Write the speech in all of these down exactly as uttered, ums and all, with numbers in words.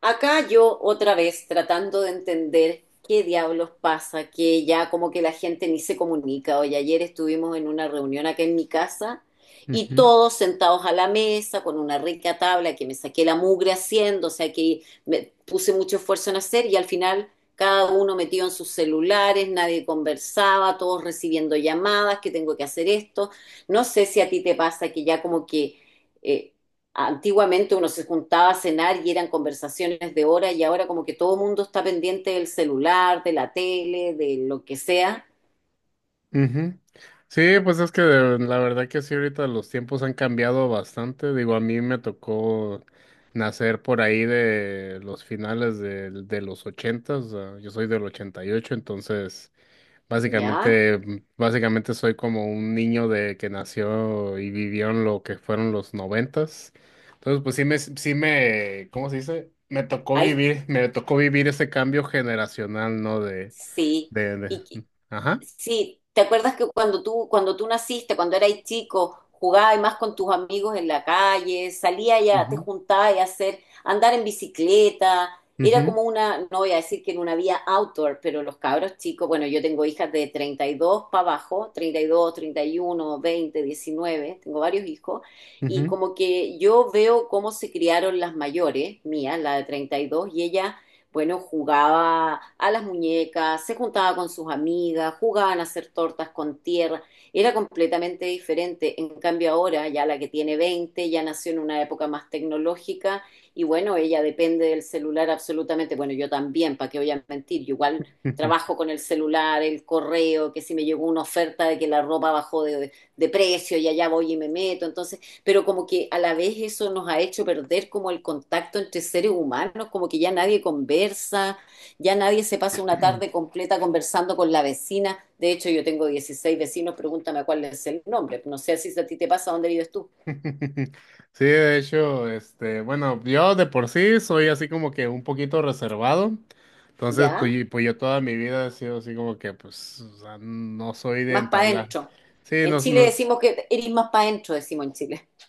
Acá yo otra vez tratando de entender qué diablos pasa, que ya como que la gente ni se comunica. Hoy ayer estuvimos en una reunión acá en mi casa y Ujú, todos sentados a la mesa con una rica tabla que me saqué la mugre haciendo, o sea que me puse mucho esfuerzo en hacer y al final cada uno metido en sus celulares, nadie conversaba, todos recibiendo llamadas, que tengo que hacer esto. No sé si a ti te pasa que ya, como que eh, antiguamente uno se juntaba a cenar y eran conversaciones de horas y ahora como que todo el mundo está pendiente del celular, de la tele, de lo que sea. ujú. Sí, pues es que de- la verdad que sí, ahorita los tiempos han cambiado bastante. Digo, a mí me tocó nacer por ahí de los finales del- de, los ochentas. Yo soy del ochenta y ocho, entonces ¿Ya? básicamente, mm, básicamente soy como un niño de que nació y vivió en lo que fueron los noventas. Entonces, pues sí me, sí me, ¿cómo se dice? Me tocó Hay vivir, me tocó vivir ese cambio generacional, ¿no? De, Sí, de, de- y que- ajá. sí, ¿te acuerdas que cuando tú, cuando tú naciste, cuando eras chico, jugabas más con tus amigos en la calle, salías ya, te juntabas a hacer, andar en bicicleta, era Ujú, como una, no voy a decir que en una vía outdoor, pero los cabros chicos? Bueno, yo tengo hijas de treinta y dos para abajo: treinta, treinta y dos, treinta y uno, veinte, diecinueve; tengo varios hijos, y ujú, como que yo veo cómo se criaron las mayores, mía, la de treinta y dos, y dos, y ellas, bueno, jugaba a las muñecas, se juntaba con sus amigas, jugaban a hacer tortas con tierra, era completamente diferente. En cambio ahora, ya la que tiene veinte ya nació en una época más tecnológica y bueno, ella depende del celular absolutamente. Bueno, yo también, ¿para qué voy a mentir? Yo igual ujú. trabajo con el celular, el correo, que si me llegó una oferta de que la ropa bajó de, de precio y allá voy y me meto. Entonces, pero como que a la vez eso nos ha hecho perder como el contacto entre seres humanos, como que ya nadie conversa, ya nadie se pasa una tarde completa conversando con la vecina. De hecho, yo tengo dieciséis vecinos, pregúntame cuál es el nombre. No sé si a ti te pasa. ¿Dónde vives tú? Sí, de hecho, este, bueno, yo de por sí soy así como que un poquito reservado. Entonces, pues, ¿Ya? y- pues yo toda mi vida he sido así como que, pues, o sea, no soy de Más para entablar. adentro. Sí, En nos, Chile nos, decimos que eres más para adentro, decimos en Chile.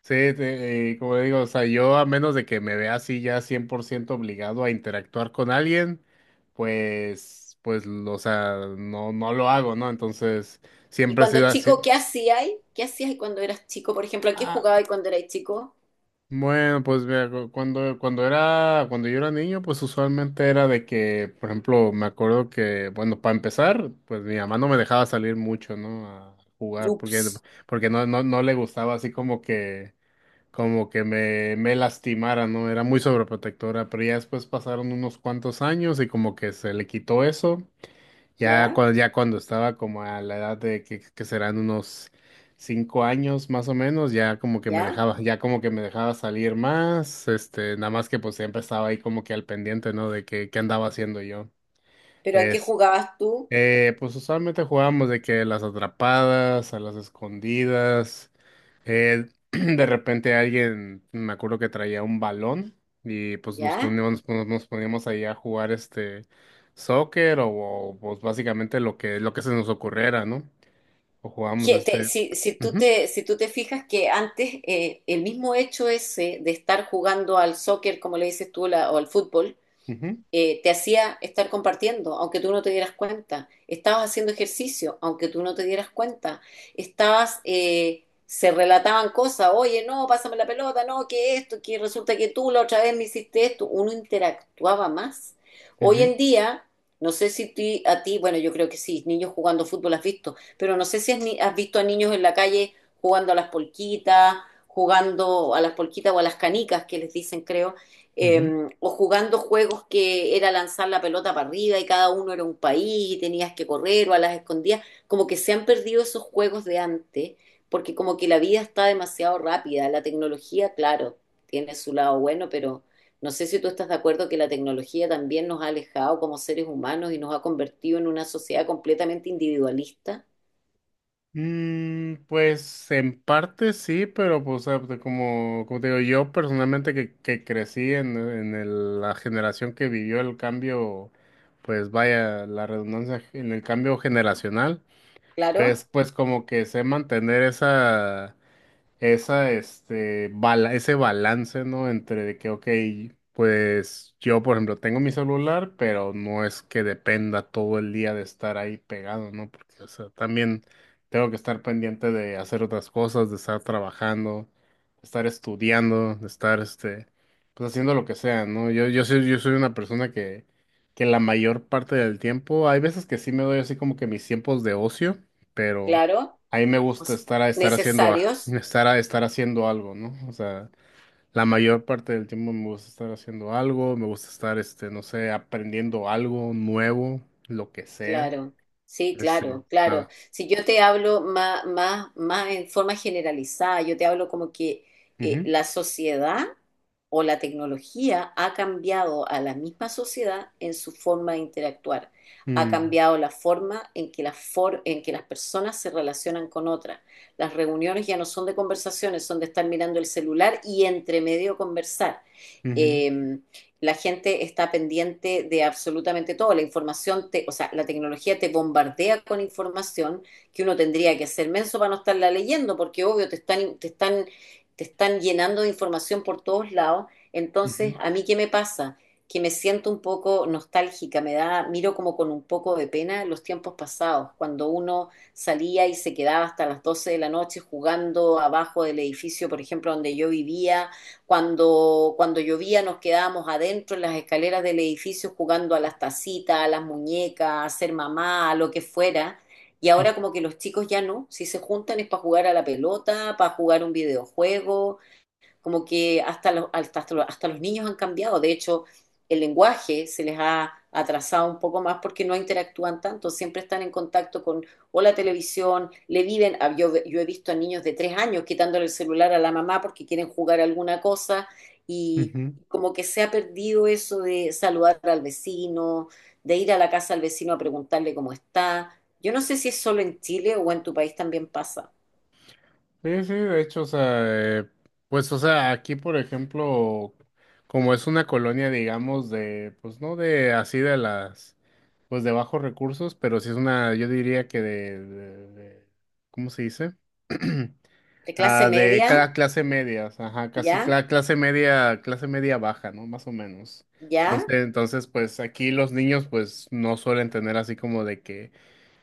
sí, te- eh, como digo, o sea, yo a menos de que me vea así ya cien por ciento obligado a interactuar con alguien, pues, pues, o sea, no, no lo hago, ¿no? Entonces, Y siempre he cuando sido así. chico, ¿qué hacías? ¿Qué hacías cuando eras chico? Por ejemplo, ¿a qué ah, jugabas cuando eras chico? Bueno, pues mira, cu- cuando, cuando era, cuando yo era niño, pues usualmente era de que, por ejemplo, me acuerdo que, bueno, para empezar, pues mi mamá no me dejaba salir mucho, ¿no? A jugar, porque, Ups. porque no, no, no le gustaba así como que, como que me, me lastimara, ¿no? Era muy sobreprotectora, pero ya después pasaron unos cuantos años y como que se le quitó eso. Ya ¿Ya? cuando, ya cuando estaba como a la edad de que, que serán unos cinco años más o menos, ya como que me ¿Ya? dejaba, ya como que me dejaba salir más, este, nada más que pues siempre estaba ahí como que al pendiente, ¿no? De que qué andaba haciendo yo. ¿Pero a qué jugabas tú? Eh, pues usualmente jugábamos de que las atrapadas, a las escondidas. eh, de repente alguien, me acuerdo que traía un balón y pues nos ¿Ya? poníamos, nos, nos poníamos ahí a jugar este soccer o, o, pues básicamente lo que, lo que se nos ocurriera, ¿no? O jugábamos Que te- este. si, si tú Ujú, te, si tú te fijas que antes, eh, el mismo hecho ese de estar jugando al soccer, como le dices tú, la- o al fútbol, ujú, eh, te hacía estar compartiendo, aunque tú no te dieras cuenta. Estabas haciendo ejercicio, aunque tú no te dieras cuenta. Estabas, eh, se relataban cosas: oye, no, pásame la pelota, no, que esto, que resulta que tú la otra vez me hiciste esto. Uno interactuaba más. Hoy ujú, en día, no sé si ti- a ti, bueno, yo creo que sí, niños jugando fútbol has visto, pero no sé si has, ni- has visto a niños en la calle jugando a las polquitas, jugando a las polquitas o a las canicas que les dicen, creo, eh, ujú. o jugando juegos que era lanzar la pelota para arriba y cada uno era un país y tenías que correr, o a las escondidas. Como que se han perdido esos juegos de antes, porque como que la vida está demasiado rápida, la tecnología, claro, tiene su lado bueno, pero no sé si tú estás de acuerdo que la tecnología también nos ha alejado como seres humanos y nos ha convertido en una sociedad completamente individualista. Mm, pues en parte sí, pero pues ah, de como, como te digo, yo personalmente que, que crecí en, en el- la generación que vivió el cambio, pues vaya, la redundancia en el cambio generacional, Claro, pues, pues como que sé mantener esa esa, este, bala- ese balance, ¿no? Entre de que, ok, pues yo, por ejemplo, tengo mi celular, pero no es que dependa todo el día de estar ahí pegado, ¿no? Porque, o sea, también tengo que estar pendiente de hacer otras cosas, de estar trabajando, de estar estudiando, de estar, este, pues haciendo lo que sea, ¿no? Yo, yo soy, yo soy una persona que, que la mayor parte del tiempo, hay veces que sí me doy así como que mis tiempos de ocio, pero… claro, A mí me o gusta sea, estar a estar haciendo a- necesarios. estar a estar haciendo algo, ¿no? O sea, la mayor parte del tiempo me gusta estar haciendo algo, me gusta estar, este, no sé, aprendiendo algo nuevo, lo que sea. Claro, sí, Este, claro, claro. nada. Si yo te hablo más, más, más en forma generalizada, yo te hablo como que, eh, Ujú. la sociedad o la tecnología ha cambiado a la misma sociedad en su forma de interactuar. Ha Mm, cambiado la forma en que, las for- en que las personas se relacionan con otras. Las reuniones ya no son de conversaciones, son de estar mirando el celular y entre medio conversar. Ujú, Em, la gente está pendiente de absolutamente todo. La información, te, o sea, la tecnología te bombardea con información que uno tendría que ser menso para no estarla leyendo, porque obvio te están, te están, te están llenando de información por todos lados. Entonces, ujú, ¿a mí qué me pasa? Que me siento un poco nostálgica, me da, miro como con un poco de pena los tiempos pasados, cuando uno salía y se quedaba hasta las doce de la noche jugando abajo del edificio, por ejemplo, donde yo vivía; cuando, cuando llovía, nos quedábamos adentro en las escaleras del edificio jugando a las tacitas, a las muñecas, a ser mamá, a lo que fuera. Y ahora como que los chicos ya no, si se juntan es para jugar a la pelota, para jugar un videojuego, como que hasta los, hasta, hasta los, hasta los niños han cambiado. De hecho, el lenguaje se les ha atrasado un poco más porque no interactúan tanto, siempre están en contacto con, o la televisión, le viven, ah, yo, yo he visto a niños de tres años quitándole el celular a la mamá porque quieren jugar alguna cosa y ujú, ujú. como que se ha perdido eso de saludar al vecino, de ir a la casa al vecino a preguntarle cómo está. Yo no sé si es solo en Chile o en tu país también pasa. Sí, sí, de hecho, o sea, eh, pues, o sea, aquí, por ejemplo, como es una colonia, digamos, de, pues, no de así de las, pues, de bajos recursos, pero sí es una, yo diría que de, de- de- ¿cómo se dice? De clase Ah, de media, cada clase media, ajá, casi ya, cla- clase media, clase media baja, ¿no? Más o menos. ya, Entonces, entonces, pues, aquí los niños, pues, no suelen tener así como de que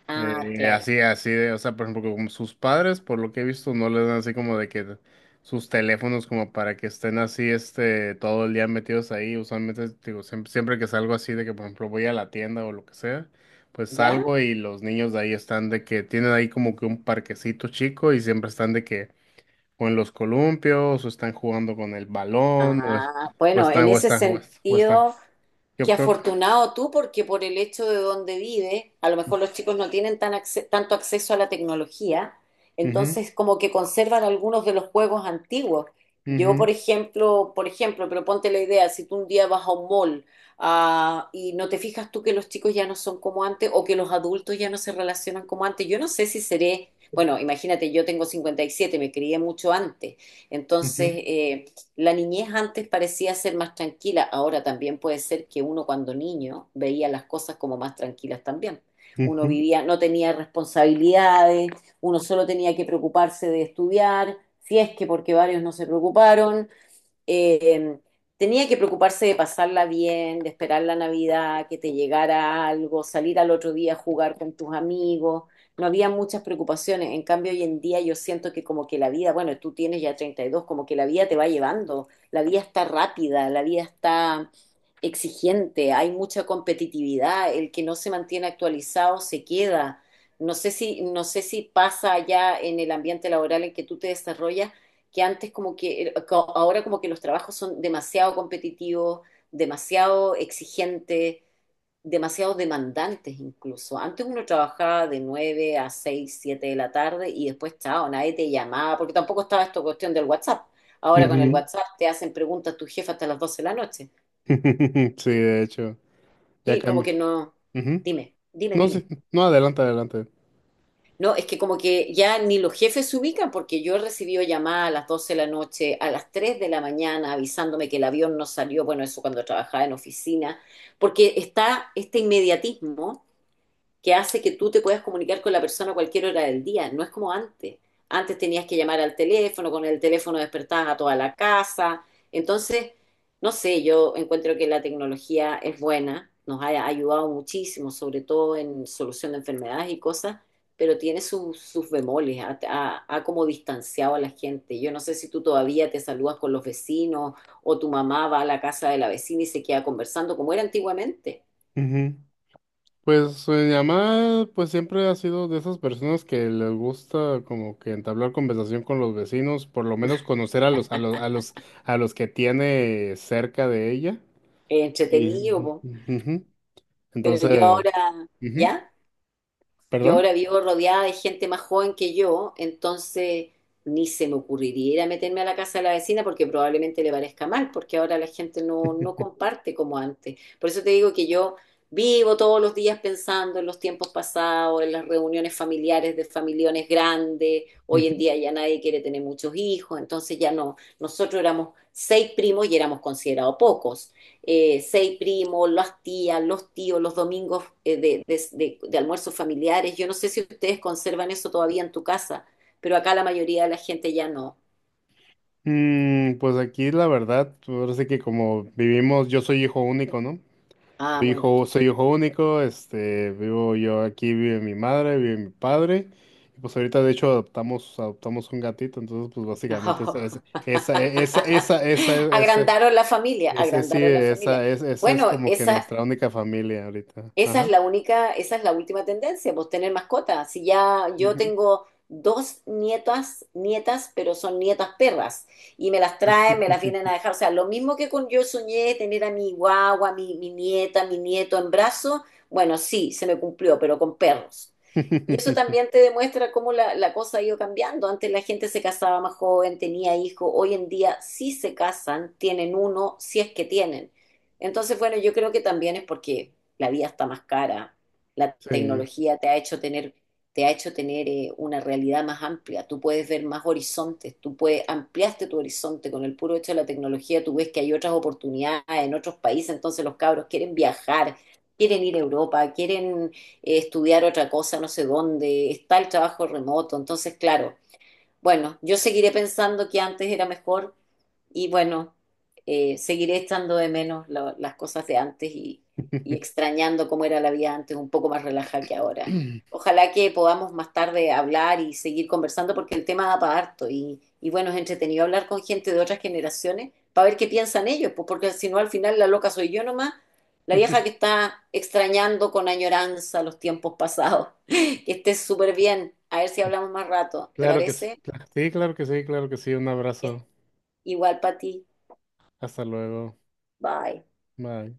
ah, eh, claro. así, así de, o sea, por ejemplo, como sus padres, por lo que he visto, no les dan así como de que sus teléfonos como para que estén así, este, todo el día metidos ahí. Usualmente, digo, siempre, siempre que salgo así de que, por ejemplo, voy a la tienda o lo que sea, pues ¿Ya? salgo y los niños de ahí están de que tienen ahí como que un parquecito chico y siempre están de que o en los columpios o están jugando con el balón o, es- Ah, o bueno, están, en o ese están, o están, o están. sentido, Yo qué creo que… afortunado tú, porque por el hecho de donde vive, a lo mejor los chicos no tienen tan acce- tanto acceso a la tecnología, Ujú, entonces como que conservan algunos de los juegos antiguos. Yo, ujú, por ejemplo, por ejemplo, pero ponte la idea, si tú un día vas a un mall, ah, y no te fijas tú que los chicos ya no son como antes o que los adultos ya no se relacionan como antes, yo no sé si seré, bueno, imagínate, yo tengo cincuenta y siete, me crié mucho antes, entonces, ujú, eh, la niñez antes parecía ser más tranquila, ahora también puede ser que uno cuando niño veía las cosas como más tranquilas también. Uno ujú, vivía, no tenía responsabilidades, uno solo tenía que preocuparse de estudiar, si es que, porque varios no se preocuparon, eh, tenía que preocuparse de pasarla bien, de esperar la Navidad, que te llegara algo, salir al otro día a jugar con tus amigos. No había muchas preocupaciones. En cambio, hoy en día yo siento que como que la vida, bueno, tú tienes ya treinta y dos, como que la vida te va llevando. La vida está rápida, la vida está exigente, hay mucha competitividad. El que no se mantiene actualizado se queda. No sé si, no sé si pasa ya en el ambiente laboral en que tú te desarrollas, que antes como que, ahora como que los trabajos son demasiado competitivos, demasiado exigentes, demasiado demandantes incluso. Antes uno trabajaba de nueve a seis siete de la tarde y después, chao, nadie te llamaba, porque tampoco estaba esta cuestión del WhatsApp. Ahora con el ujú. WhatsApp te hacen preguntas tu jefa hasta las doce de la noche. Sí, de hecho, ya Sí, como cambia. que no. Ujú. Dime, dime, No dime. sé, no, adelante, adelante. No, es que como que ya ni los jefes se ubican porque yo he recibido llamadas a las doce de la noche, a las tres de la mañana, avisándome que el avión no salió, bueno, eso cuando trabajaba en oficina, porque está este inmediatismo que hace que tú te puedas comunicar con la persona a cualquier hora del día. No es como antes. Antes tenías que llamar al teléfono, con el teléfono despertabas a toda la casa. Entonces, no sé, yo encuentro que la tecnología es buena, nos ha ayudado muchísimo, sobre todo en solución de enfermedades y cosas, pero tiene sus, sus bemoles, ha, ha- ha como distanciado a la gente. Yo no sé si tú todavía te saludas con los vecinos o tu mamá va a la casa de la vecina y se queda conversando como era antiguamente. Ujú. Pues eh, mi mamá, pues siempre ha sido de esas personas que les gusta como que entablar conversación con los vecinos, por lo menos conocer a los, a los, a los, a los que tiene cerca de ella. Eh, Y, Entretenido, po. ujú. Pero yo Entonces, ahora, ujú, ¿ya? Yo perdón. ahora vivo rodeada de gente más joven que yo, entonces ni se me ocurriría ir a meterme a la casa de la vecina porque probablemente le parezca mal, porque ahora la gente no, no comparte como antes. Por eso te digo que yo vivo todos los días pensando en los tiempos pasados, en las reuniones familiares de familiones grandes. Hoy en Ujú. día ya nadie quiere tener muchos hijos, entonces ya no. Nosotros éramos seis primos y éramos considerados pocos, eh, seis primos, las tías, los tíos, los domingos, eh, de, de- de- de almuerzos familiares. Yo no sé si ustedes conservan eso todavía en tu casa, pero acá la mayoría de la gente ya no. Mm, pues aquí la verdad, ahora sí que como vivimos, yo soy hijo único, ¿no? Ah, Soy bueno. Hijo, soy hijo único, este, vivo yo aquí, vive mi madre, vive mi padre, y pues ahorita de hecho adoptamos, adoptamos un gatito, entonces pues básicamente esa, esa, esa, e, esa, esa, esa, ese- Agrandaron la familia, ese sí, agrandaron la familia. esa, es, esa es Bueno, como que esa, nuestra única familia ahorita. esa es Ajá. la única, esa es la última tendencia, pues tener mascotas. Si ya yo Ujú. tengo dos nietas, nietas, pero son nietas perras, y me las traen, me las vienen a dejar. O sea, lo mismo que con, yo soñé tener a mi guagua, mi, mi nieta, mi nieto en brazos; bueno, sí, se me cumplió, pero con perros. Y eso también te demuestra cómo la, la cosa ha ido cambiando. Antes la gente se casaba más joven, tenía hijos, hoy en día sí se casan, tienen uno, si es que tienen. Entonces, bueno, yo creo que también es porque la vida está más cara, la Sí. tecnología te ha hecho tener, te ha hecho tener eh, una realidad más amplia, tú puedes ver más horizontes, tú puedes, ampliaste tu horizonte con el puro hecho de la tecnología, tú ves que hay otras oportunidades en otros países, entonces los cabros quieren viajar, quieren ir a Europa, quieren, eh, estudiar otra cosa, no sé dónde, está el trabajo remoto, entonces claro, bueno, yo seguiré pensando que antes era mejor y bueno, eh, seguiré echando de menos lo- las cosas de antes y, y extrañando cómo era la vida antes, un poco más relajada que ahora. Ojalá que podamos más tarde hablar y seguir conversando porque el tema da para harto y, y bueno, es entretenido hablar con gente de otras generaciones para ver qué piensan ellos, pues porque si no al final la loca soy yo nomás, la vieja que está extrañando con añoranza los tiempos pasados. Que estés súper bien, a ver si hablamos más rato, ¿te Claro que sí. parece? cla- Sí, claro que sí, claro que sí. Un Yes. abrazo. Igual para ti, Hasta luego. bye. Bye.